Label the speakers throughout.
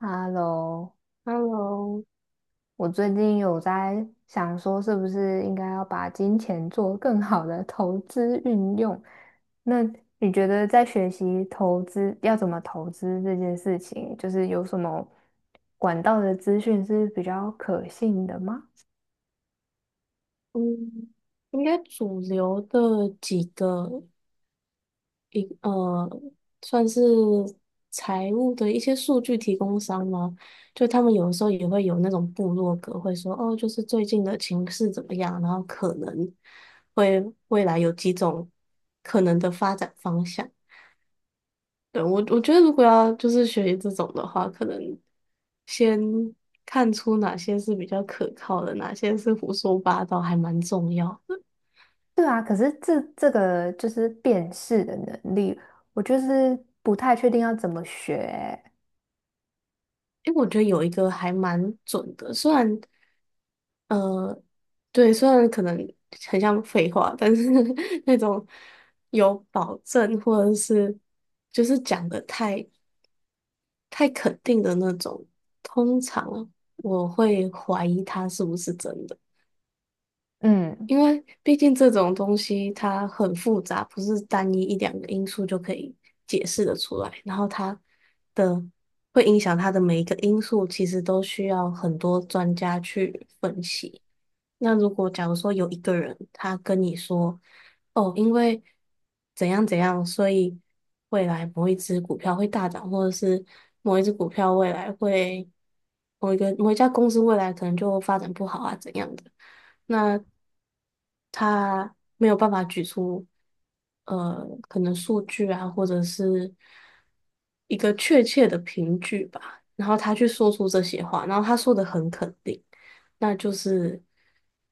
Speaker 1: Hello，
Speaker 2: Hello。
Speaker 1: 我最近有在想说，是不是应该要把金钱做更好的投资运用？那你觉得在学习投资要怎么投资这件事情，就是有什么管道的资讯是比较可信的吗？
Speaker 2: 嗯，应该主流的几个呃，算是财务的一些数据提供商吗？就他们有的时候也会有那种部落格，会说哦，就是最近的情势怎么样，然后可能会未来有几种可能的发展方向。对，我觉得如果要就是学习这种的话，可能先看出哪些是比较可靠的，哪些是胡说八道，还蛮重要。
Speaker 1: 对啊，可是这个就是辨识的能力，我就是不太确定要怎么学欸
Speaker 2: 因为我觉得有一个还蛮准的，虽然呃，对，虽然可能很像废话，但是 那种有保证或者是就是讲的太肯定的那种，通常我会怀疑它是不是真的。
Speaker 1: 嗯。
Speaker 2: 因为毕竟这种东西它很复杂，不是单一一两个因素就可以解释得出来。然后的会影响它的每一个因素，其实都需要很多专家去分析。那如果假如说有一个人他跟你说，哦，因为怎样怎样，所以未来某一只股票会大涨，或者是某一只股票未来会某一个某一家公司未来可能就发展不好啊，怎样的。那他没有办法举出可能数据啊，或者是一个确切的凭据吧，然后他去说出这些话，然后他说的很肯定，那就是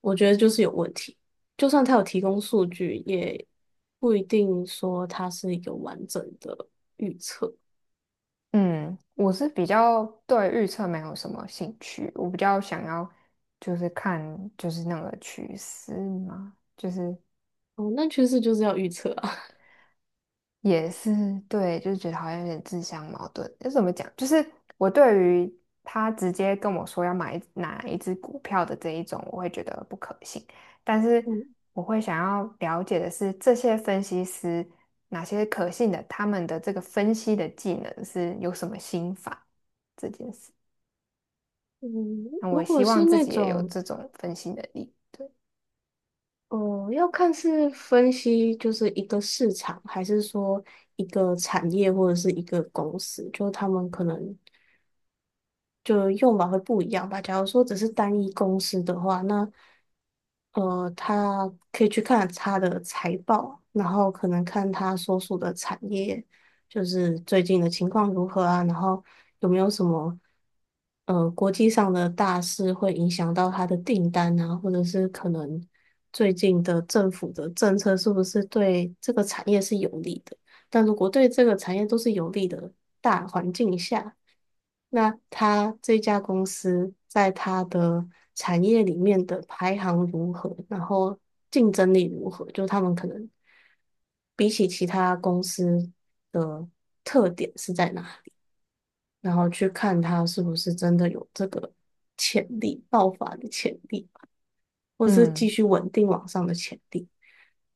Speaker 2: 我觉得就是有问题。就算他有提供数据，也不一定说他是一个完整的预测。
Speaker 1: 嗯，我是比较对预测没有什么兴趣，我比较想要就是看就是那个趋势嘛，就是
Speaker 2: 哦，那趋势就是要预测啊。
Speaker 1: 也是对，就是觉得好像有点自相矛盾。就怎么讲？就是我对于他直接跟我说要买哪一只股票的这一种，我会觉得不可信。但是
Speaker 2: 嗯
Speaker 1: 我会想要了解的是，这些分析师哪些可信的，他们的这个分析的技能是有什么心法这件事。
Speaker 2: 嗯，
Speaker 1: 那
Speaker 2: 如
Speaker 1: 我
Speaker 2: 果
Speaker 1: 希
Speaker 2: 是
Speaker 1: 望自
Speaker 2: 那
Speaker 1: 己也有
Speaker 2: 种
Speaker 1: 这种分析能力。对，
Speaker 2: 哦，要看是分析就是一个市场，还是说一个产业或者是一个公司，就他们可能就用法会不一样吧。假如说只是单一公司的话，那他可以去看他的财报，然后可能看他所属的产业，就是最近的情况如何啊，然后有没有什么国际上的大事会影响到他的订单啊，或者是可能最近的政府的政策是不是对这个产业是有利的？但如果对这个产业都是有利的，那他这家公司在他的产业里面的排行如何，然后竞争力如何？就他们可能比起其他公司的特点是在哪，然后去看它是不是真的有这个潜力、爆发的潜力，或是继
Speaker 1: 嗯
Speaker 2: 续稳定往上的潜力。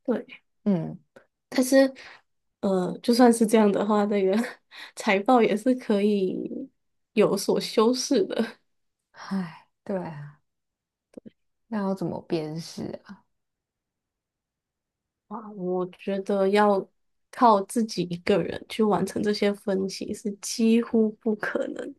Speaker 2: 对，
Speaker 1: 嗯，
Speaker 2: 但是就算是这样的话，那个 财报也是可以有所修饰的。
Speaker 1: 唉，对啊，那要怎么辨识啊？
Speaker 2: 啊，我觉得要靠自己一个人去完成这些分析是几乎不可能。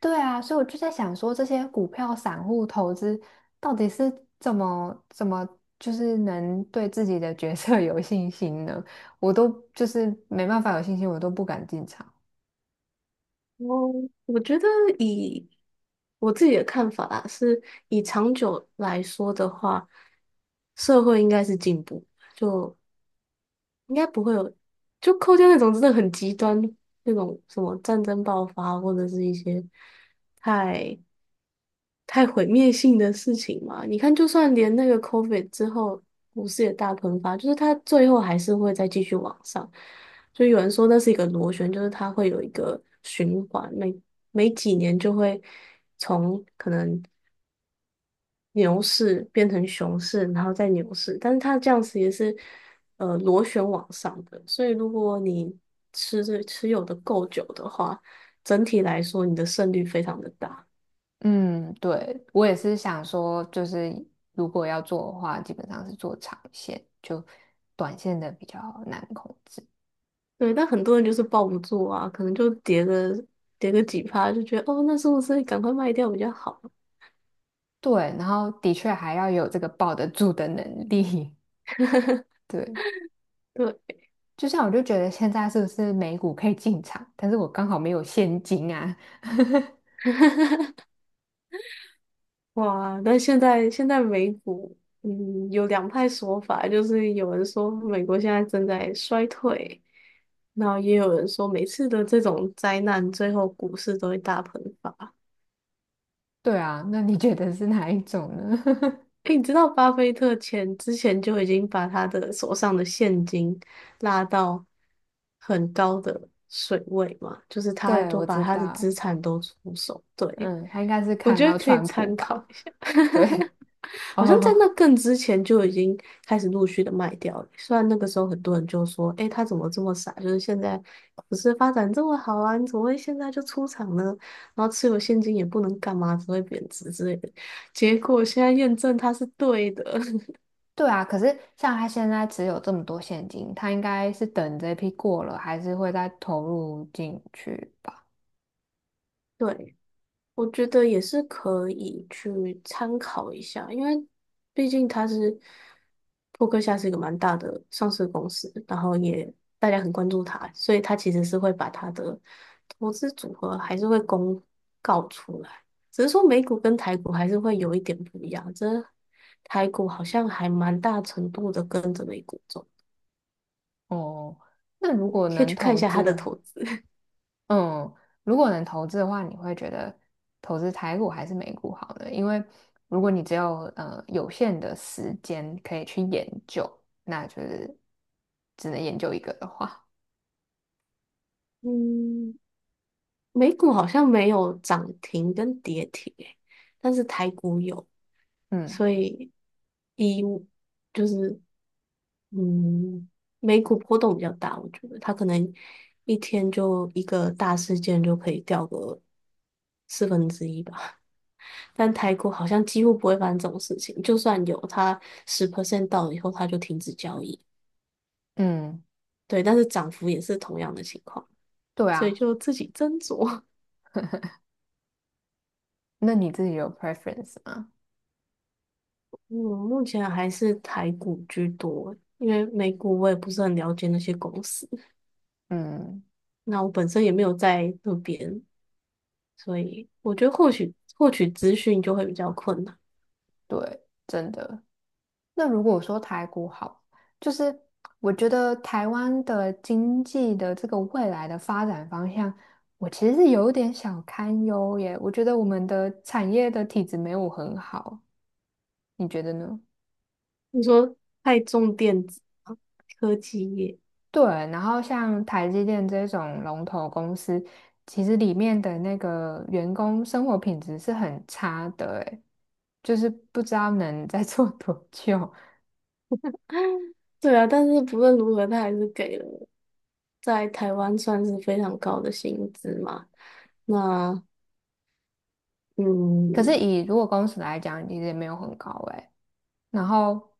Speaker 1: 对啊，所以我就在想说，这些股票散户投资到底是怎么，就是能对自己的角色 有信心呢？我都就是没办法有信心，我都不敢进场。
Speaker 2: 哦，我觉得以我自己的看法啊，是以长久来说的话，社会应该是进步，就应该不会有，就扣掉那种真的很极端那种什么战争爆发或者是一些太太毁灭性的事情嘛。你看，就算连那个 COVID 之后，股市也大喷发，就是它最后还是会再继续往上。就有人说那是一个螺旋，就是它会有一个循环，每几年就会从可能牛市变成熊市，然后再牛市，但是它这样子也是螺旋往上的。所以如果你持有的够久的话，整体来说你的胜率非常的大。
Speaker 1: 嗯，对，我也是想说，就是如果要做的话，基本上是做长线，就短线的比较难控制。
Speaker 2: 对，但很多人就是抱不住啊，可能就跌个几趴，就觉得哦，那是不是赶快卖掉比较好？
Speaker 1: 对，然后的确还要有这个抱得住的能力。对，
Speaker 2: 对，
Speaker 1: 就像我就觉得现在是不是美股可以进场，但是我刚好没有现金啊。
Speaker 2: 哇，但现在美股，有两派说法，就是有人说美国现在正在衰退，然后也有人说每次的这种灾难，最后股市都会大喷发。
Speaker 1: 对啊，那你觉得是哪一种呢？
Speaker 2: 诶，你知道巴菲特之前就已经把他的手上的现金拉到很高的水位嘛，就是 他
Speaker 1: 对，
Speaker 2: 都
Speaker 1: 我
Speaker 2: 把
Speaker 1: 知
Speaker 2: 他的资
Speaker 1: 道，
Speaker 2: 产都出手，对，
Speaker 1: 嗯，他应该是
Speaker 2: 我
Speaker 1: 看
Speaker 2: 觉得
Speaker 1: 到
Speaker 2: 可以
Speaker 1: 川普
Speaker 2: 参考
Speaker 1: 吧？
Speaker 2: 一下。
Speaker 1: 对，
Speaker 2: 好像在那
Speaker 1: 哦，
Speaker 2: 更之前就已经开始陆续的卖掉了。虽然那个时候很多人就说："诶，他怎么这么傻？就是现在股是发展这么好啊，你怎么会现在就出场呢？然后持有现金也不能干嘛，只会贬值之类的。"结果现在验证它是对的，
Speaker 1: 对啊，可是像他现在只有这么多现金，他应该是等这批过了，还是会再投入进去吧？
Speaker 2: 对。我觉得也是可以去参考一下，因为毕竟扑克夏是一个蛮大的上市公司，然后也大家很关注它，所以它其实是会把它的投资组合还是会公告出来，只是说美股跟台股还是会有一点不一样，这台股好像还蛮大程度的跟着美股走，
Speaker 1: 哦，那如果
Speaker 2: 可以
Speaker 1: 能
Speaker 2: 去看一
Speaker 1: 投
Speaker 2: 下它
Speaker 1: 资
Speaker 2: 的
Speaker 1: 的，
Speaker 2: 投资。
Speaker 1: 嗯，如果能投资的话，你会觉得投资台股还是美股好呢？因为如果你只有有限的时间可以去研究，那就是只能研究一个的话，
Speaker 2: 嗯，美股好像没有涨停跟跌停、诶，但是台股有。
Speaker 1: 嗯
Speaker 2: 所以以就是嗯，美股波动比较大，我觉得它可能一天就一个大事件就可以掉个1/4吧。但台股好像几乎不会发生这种事情，就算有，它10% 到了以后，它就停止交易。
Speaker 1: 嗯，
Speaker 2: 对，但是涨幅也是同样的情况，
Speaker 1: 对
Speaker 2: 所以
Speaker 1: 啊，
Speaker 2: 就自己斟酌。
Speaker 1: 那你自己有 preference 吗？
Speaker 2: 嗯，目前还是台股居多，因为美股我也不是很了解那些公司。
Speaker 1: 嗯，
Speaker 2: 那我本身也没有在那边，所以我觉得获取资讯就会比较困难。
Speaker 1: 对，真的。那如果说台股好，就是我觉得台湾的经济的这个未来的发展方向，我其实是有点小堪忧耶。我觉得我们的产业的体质没有很好，你觉得呢？
Speaker 2: 你说太重电子吗科技业，
Speaker 1: 对，然后像台积电这种龙头公司，其实里面的那个员工生活品质是很差的，诶，就是不知道能再做多久。
Speaker 2: 对啊，但是不论如何，他还是给了在台湾算是非常高的薪资嘛。那
Speaker 1: 可
Speaker 2: 嗯，
Speaker 1: 是以如果公司来讲，其实也没有很高，诶。然后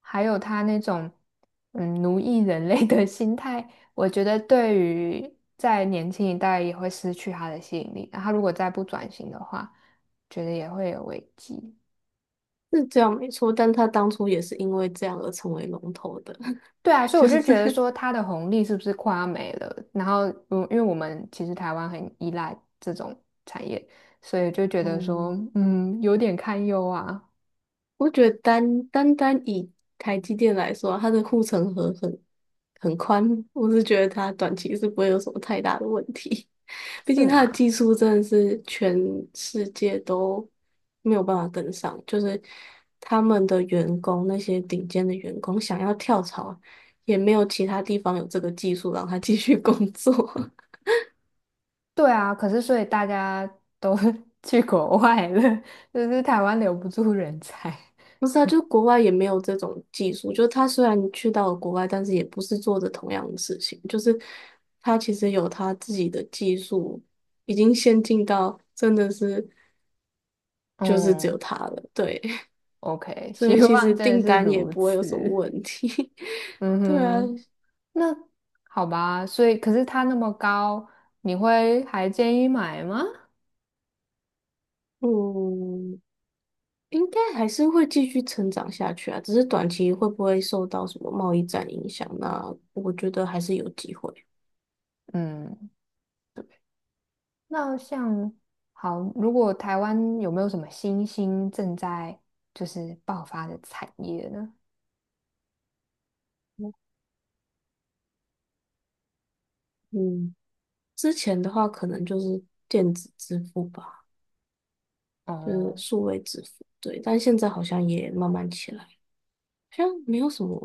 Speaker 1: 还有他那种奴役人类的 心态，我觉得对于在年轻一代也会失去他的吸引力。然后他如果再不转型的话，觉得也会有危机。
Speaker 2: 是这样没错，但他当初也是因为这样而成为龙头的，
Speaker 1: 对啊，所以我
Speaker 2: 就是
Speaker 1: 就觉得说他的红利是不是快要没了？然后，嗯，因为我们其实台湾很依赖这种产业，所以就觉得说，
Speaker 2: 嗯，
Speaker 1: 嗯，有点堪忧啊。
Speaker 2: 我觉得单单以台积电来说啊它的护城河很宽，我是觉得它短期是不会有什么太大的问题。毕
Speaker 1: 是
Speaker 2: 竟它的
Speaker 1: 啦。
Speaker 2: 技术真的是全世界都没有办法跟上，就是他们的员工那些顶尖的员工想要跳槽，也没有其他地方有这个技术让他继续工作。
Speaker 1: 对啊，可是所以大家都 去国外了，就是台湾留不住人才。
Speaker 2: 不是啊，就国外也没有这种技术。就他虽然去到了国外，但是也不是做着同样的事情。就是他其实有他自己的技术，已经先进到真的是 就是只有
Speaker 1: 嗯
Speaker 2: 他了。对，
Speaker 1: ，OK，
Speaker 2: 所
Speaker 1: 希
Speaker 2: 以其
Speaker 1: 望
Speaker 2: 实
Speaker 1: 真的
Speaker 2: 订
Speaker 1: 是
Speaker 2: 单也
Speaker 1: 如
Speaker 2: 不会有什么
Speaker 1: 此。
Speaker 2: 问题。
Speaker 1: 嗯
Speaker 2: 对啊，
Speaker 1: 哼，那 好吧，所以可是它那么高，你会还建议买吗？
Speaker 2: 嗯，应该还是会继续成长下去啊。只是短期会不会受到什么贸易战影响，那我觉得还是有机会。
Speaker 1: 嗯，那像好，如果台湾有没有什么新兴正在就是爆发的产业呢？
Speaker 2: 嗯。之前的话可能就是电子支付吧，就是
Speaker 1: 哦、
Speaker 2: 数位支付，对，但现在好像也慢慢起来，好像没有什么，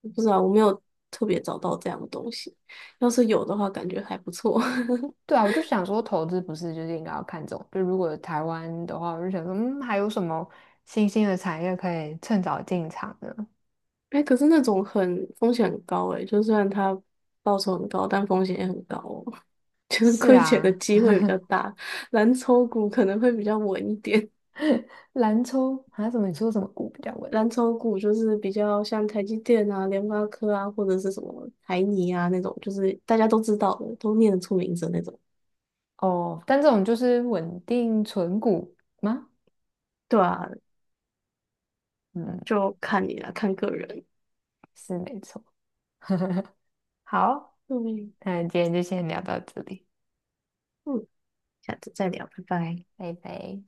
Speaker 2: 我不知道，我没有特别找到这样的东西，要是有的话，感觉还不错。
Speaker 1: 对啊，我就想说，投资不是就是应该要看中，就如果台湾的话，我就想说，嗯，还有什么新兴的产业可以趁早进场呢？
Speaker 2: 哎可是那种很风险很高哎，就算然它报酬很高，但风险也很高哦，就是
Speaker 1: 是
Speaker 2: 亏钱的
Speaker 1: 啊，
Speaker 2: 机会比较大，蓝筹股可能会比较稳一点。
Speaker 1: 蓝筹还有什么？你说什么股比较稳？
Speaker 2: 蓝筹股就是比较像台积电啊、联发科啊，或者是什么台泥啊那种，就是大家都知道的，都念得出名字那种。
Speaker 1: 哦，但这种就是稳定存股吗？
Speaker 2: 对啊，
Speaker 1: 嗯，
Speaker 2: 就看你了，看个人。
Speaker 1: 是没错。好，
Speaker 2: 对，
Speaker 1: 那今天就先聊到这里，
Speaker 2: 嗯，下次再聊，拜拜。
Speaker 1: 拜拜。